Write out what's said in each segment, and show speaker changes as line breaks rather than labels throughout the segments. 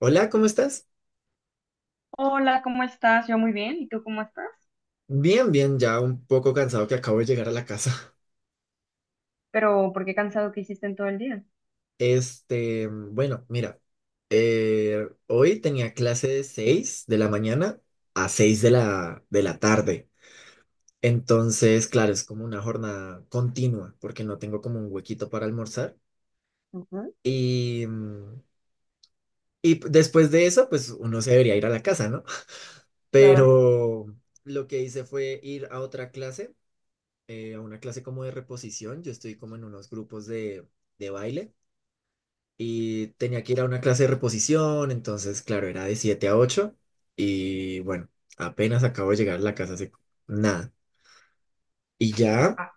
Hola, ¿cómo estás?
Hola, ¿cómo estás? Yo muy bien, ¿y tú cómo estás?
Bien, bien, ya un poco cansado que acabo de llegar a la casa.
Pero, ¿por qué cansado que hiciste en todo el día?
Este, bueno, mira, hoy tenía clase de 6 de la mañana a 6 de la tarde. Entonces, claro, es como una jornada continua porque no tengo como un huequito para almorzar.
Ujú,
Y, mm, y después de eso, pues uno se debería ir a la casa, ¿no?
claro.
Pero lo que hice fue ir a otra clase, a una clase como de reposición. Yo estoy como en unos grupos de baile y tenía que ir a una clase de reposición, entonces, claro, era de 7 a 8 y bueno, apenas acabo de llegar a la casa hace nada. Y ya.
Ah,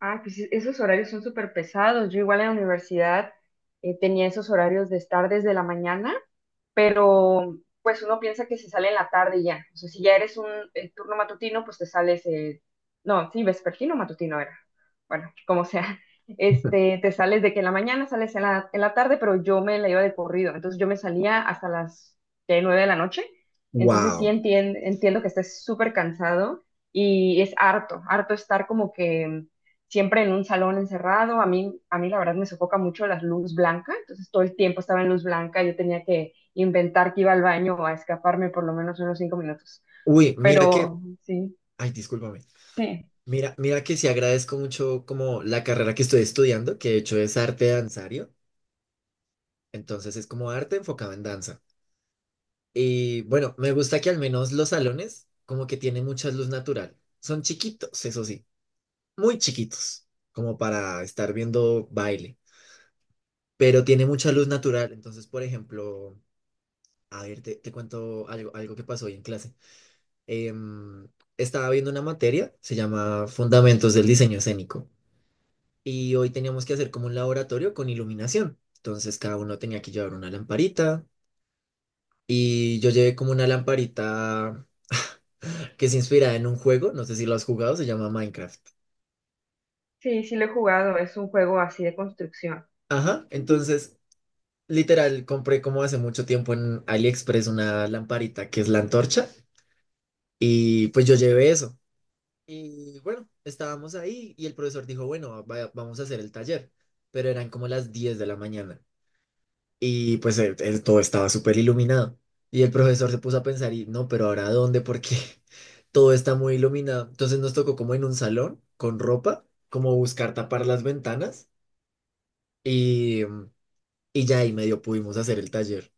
ah, pues esos horarios son súper pesados. Yo igual en la universidad tenía esos horarios de estar desde la mañana, pero pues uno piensa que se sale en la tarde y ya. O sea, si ya eres un turno matutino, pues te sales, no, sí, vespertino, matutino era. Bueno, como sea. Este, te sales de que en la mañana, sales en la tarde, pero yo me la iba de corrido. Entonces yo me salía hasta las ¿qué? Nueve de la noche. Entonces sí
Wow.
entiendo que estés súper cansado y es harto, harto estar como que siempre en un salón encerrado. A mí la verdad me sofoca mucho la luz blanca. Entonces todo el tiempo estaba en luz blanca. Yo tenía que inventar que iba al baño o a escaparme por lo menos unos cinco minutos.
Uy, mira que,
Pero sí,
ay, discúlpame.
sí,
Mira, mira que sí agradezco mucho como la carrera que estoy estudiando, que de hecho es arte danzario, entonces es como arte enfocado en danza. Y bueno, me gusta que al menos los salones como que tienen mucha luz natural. Son chiquitos, eso sí, muy chiquitos, como para estar viendo baile, pero tiene mucha luz natural. Entonces, por ejemplo, a ver, te cuento algo, algo que pasó hoy en clase. Em, Estaba viendo una materia, se llama Fundamentos del Diseño Escénico, y hoy teníamos que hacer como un laboratorio con iluminación. Entonces, cada uno tenía que llevar una lamparita y yo llevé como una lamparita. Que se inspira en un juego, no sé si lo has jugado, se llama Minecraft.
sí, sí lo he jugado, es un juego así de construcción.
Ajá, entonces, literal, compré como hace mucho tiempo en AliExpress una lamparita que es la antorcha y pues yo llevé eso. Y bueno, estábamos ahí y el profesor dijo, bueno, vamos a hacer el taller, pero eran como las 10 de la mañana y pues todo estaba súper iluminado. Y el profesor se puso a pensar y no, pero ahora ¿a dónde? Porque todo está muy iluminado. Entonces nos tocó como en un salón con ropa, como buscar tapar las ventanas. Y, y ya ahí medio pudimos hacer el taller.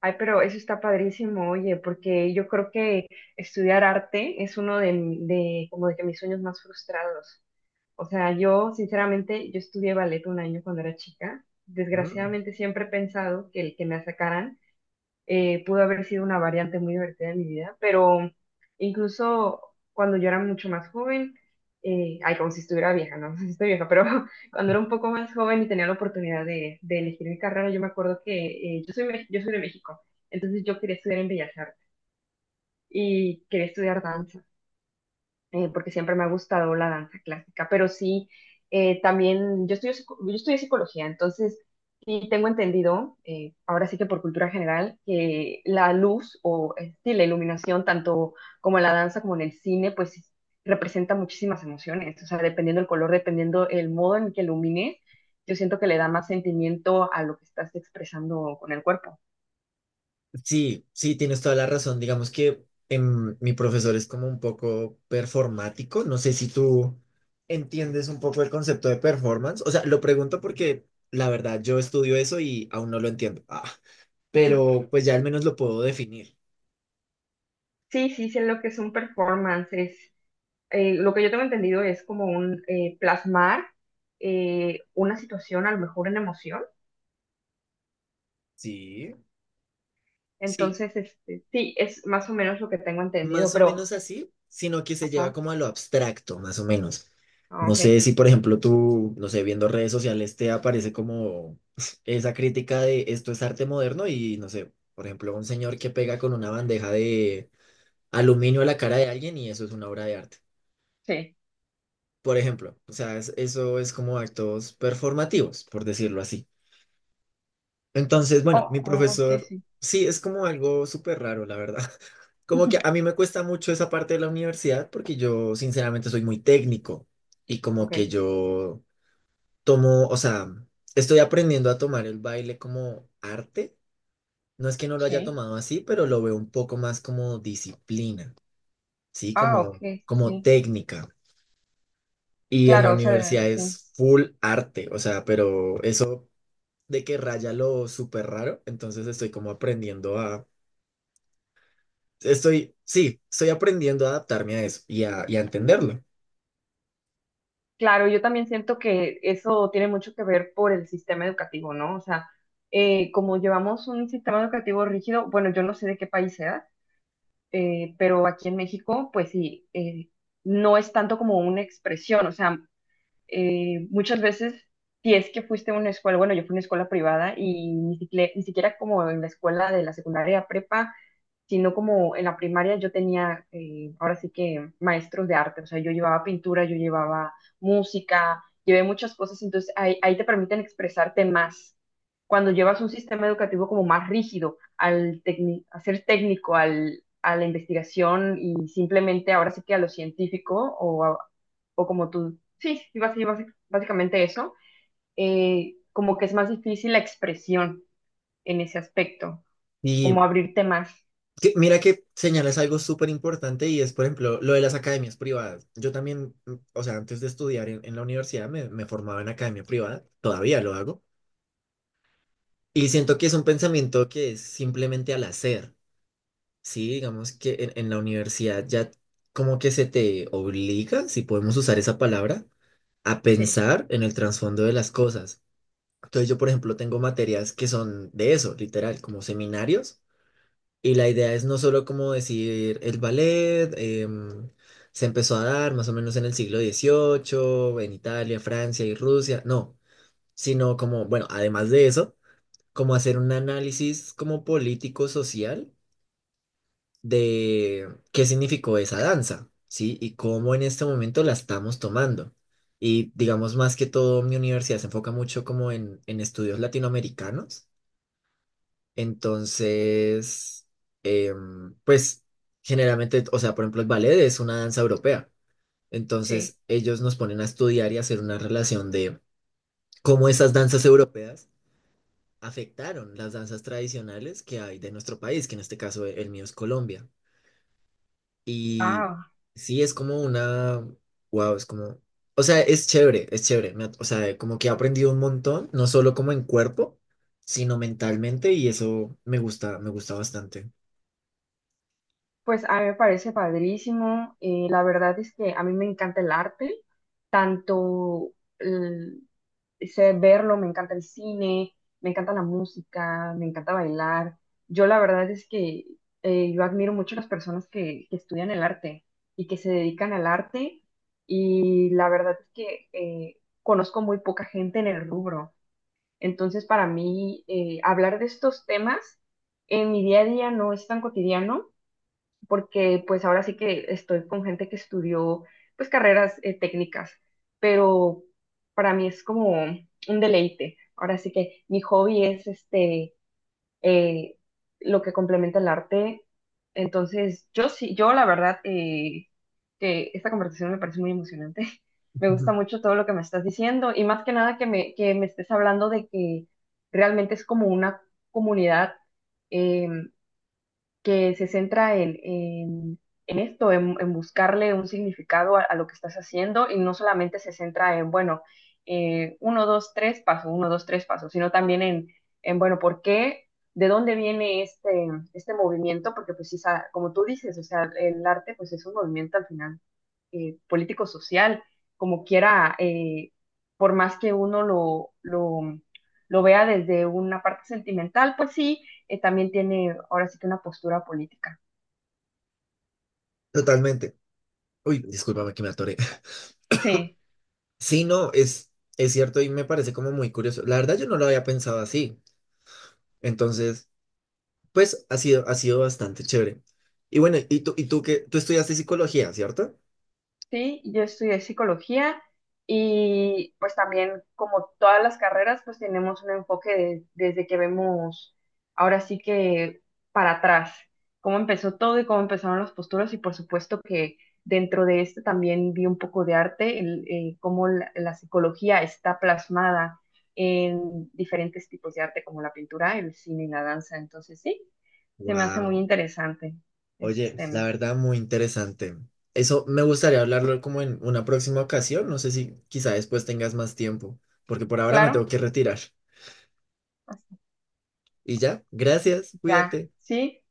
Ay, pero eso está padrísimo, oye, porque yo creo que estudiar arte es uno como de que mis sueños más frustrados. O sea, yo sinceramente, yo estudié ballet un año cuando era chica.
Mm.
Desgraciadamente siempre he pensado que el que me sacaran pudo haber sido una variante muy divertida de mi vida, pero incluso cuando yo era mucho más joven, ay, como si estuviera vieja, no, si estoy vieja, pero cuando era un poco más joven y tenía la oportunidad de elegir mi carrera, yo me acuerdo que yo soy, yo soy de México, entonces yo quería estudiar en Bellas Artes y quería estudiar danza, porque siempre me ha gustado la danza clásica, pero sí, también yo estudio, yo estudié psicología, entonces sí tengo entendido, ahora sí que por cultura general, que la luz o sí, la iluminación, tanto como en la danza como en el cine, pues sí, representa muchísimas emociones, o sea, dependiendo el color, dependiendo el modo en que ilumines, yo siento que le da más sentimiento a lo que estás expresando con el cuerpo.
Sí, sí, tienes toda la razón. Digamos que, mi profesor es como un poco performático. No sé si tú entiendes un poco el concepto de performance. O sea, lo pregunto porque la verdad yo estudio eso y aún no lo entiendo. Ah, pero pues ya al menos lo puedo definir.
Sí, sí, sé lo que es un performance, es lo que yo tengo entendido es como un plasmar una situación, a lo mejor en emoción.
Sí. Sí,
Entonces, este, sí, es más o menos lo que tengo entendido,
más o
pero,
menos así, sino que se lleva
ajá,
como a lo abstracto, más o menos.
ah,
No
ok.
sé si, por ejemplo, tú, no sé, viendo redes sociales te aparece como esa crítica de esto es arte moderno y, no sé, por ejemplo, un señor que pega con una bandeja de aluminio a la cara de alguien y eso es una obra de arte.
Sí.
Por ejemplo, o sea, eso es como actos performativos, por decirlo así. Entonces, bueno,
Oh,
mi
oh, sí,
profesor,
sí.
sí, es como algo súper raro, la verdad. Como que a mí me cuesta mucho esa parte de la universidad porque yo sinceramente soy muy técnico y como
Ok.
que yo tomo, o sea, estoy aprendiendo a tomar el baile como arte. No es que no lo haya
Sí.
tomado así, pero lo veo un poco más como disciplina, ¿sí?
Ah,
Como,
ok,
como
sí.
técnica. Y en la
Claro, o sea,
universidad
sí.
es full arte, o sea, pero eso de que raya lo súper raro, entonces estoy como aprendiendo a estoy, sí, estoy aprendiendo a adaptarme a eso y a entenderlo.
Claro, yo también siento que eso tiene mucho que ver por el sistema educativo, ¿no? O sea, como llevamos un sistema educativo rígido, bueno, yo no sé de qué país sea, pero aquí en México, pues sí, no es tanto como una expresión, o sea, muchas veces, si es que fuiste a una escuela, bueno, yo fui a una escuela privada y ni siquiera como en la escuela de la secundaria prepa, sino como en la primaria yo tenía, ahora sí que maestros de arte, o sea, yo llevaba pintura, yo llevaba música, llevé muchas cosas, entonces ahí te permiten expresarte más. Cuando llevas un sistema educativo como más rígido, al a ser técnico, a la investigación y simplemente ahora sí que a lo científico o como tú, sí, sí, básicamente eso, como que es más difícil la expresión en ese aspecto,
Y
como abrirte más.
mira que señalas algo súper importante y es, por ejemplo, lo de las academias privadas. Yo también, o sea, antes de estudiar en la universidad me formaba en academia privada, todavía lo hago. Y siento que es un pensamiento que es simplemente al hacer, ¿sí? Digamos que en la universidad ya como que se te obliga, si podemos usar esa palabra, a
Sí,
pensar en el trasfondo de las cosas. Entonces yo, por ejemplo, tengo materias que son de eso, literal, como seminarios, y la idea es no solo como decir el ballet, se empezó a dar más o menos en el siglo XVIII en Italia, Francia y Rusia, no, sino como, bueno, además de eso, como hacer un análisis como político-social de qué significó esa danza, ¿sí? Y cómo en este momento la estamos tomando. Y digamos más que todo, mi universidad se enfoca mucho como en estudios latinoamericanos. Entonces, pues generalmente, o sea, por ejemplo, el ballet es una danza europea.
sí.
Entonces, ellos nos ponen a estudiar y hacer una relación de cómo esas danzas europeas afectaron las danzas tradicionales que hay de nuestro país, que en este caso el mío es Colombia. Y
Ah,
sí, es como una, wow, es como, o sea, es chévere, es chévere. O sea, como que he aprendido un montón, no solo como en cuerpo, sino mentalmente, y eso me gusta bastante.
pues a mí me parece padrísimo. La verdad es que a mí me encanta el arte, tanto el- sé verlo, me encanta el cine, me encanta la música, me encanta bailar. Yo la verdad es que yo admiro mucho a las que estudian el arte y que se dedican al arte y la verdad es que conozco muy poca gente en el rubro. Entonces para mí, hablar de estos temas en mi día a día no es tan cotidiano porque pues ahora sí que estoy con gente que estudió pues carreras, técnicas, pero para mí es como un deleite. Ahora sí que mi hobby es este, eh, lo que complementa el arte. Entonces, yo sí, yo la verdad, que esta conversación me parece muy emocionante. Me gusta mucho todo lo que me estás diciendo y más que nada que que me estés hablando de que realmente es como una comunidad. em, que se centra en esto, en buscarle un significado a lo que estás haciendo y no solamente se centra en, bueno, uno, dos, tres pasos, uno, dos, tres pasos, sino también en bueno, ¿por qué? ¿De dónde viene este, este movimiento? Porque pues sí, como tú dices, o sea, el arte pues es un movimiento al final, político-social, como quiera, por más que uno lo vea desde una parte sentimental, pues sí, también tiene ahora sí que una postura política.
Totalmente. Uy, discúlpame que me atoré.
Sí.
Sí, no, es cierto y me parece como muy curioso. La verdad yo no lo había pensado así. Entonces, pues ha sido bastante chévere. Y bueno, tú estudiaste psicología, ¿cierto?
Sí, yo estudié psicología y pues también como todas las carreras pues tenemos un enfoque desde que vemos ahora sí que para atrás, cómo empezó todo y cómo empezaron las posturas y por supuesto que dentro de esto también vi un poco de arte, cómo la psicología está plasmada en diferentes tipos de arte como la pintura, el cine y la danza, entonces sí, se me hace muy
Wow.
interesante esos
Oye, la
temas.
verdad muy interesante. Eso me gustaría hablarlo como en una próxima ocasión. No sé si quizá después tengas más tiempo, porque por ahora me tengo
Claro,
que retirar.
hasta
Y ya, gracias,
ya,
cuídate.
sí.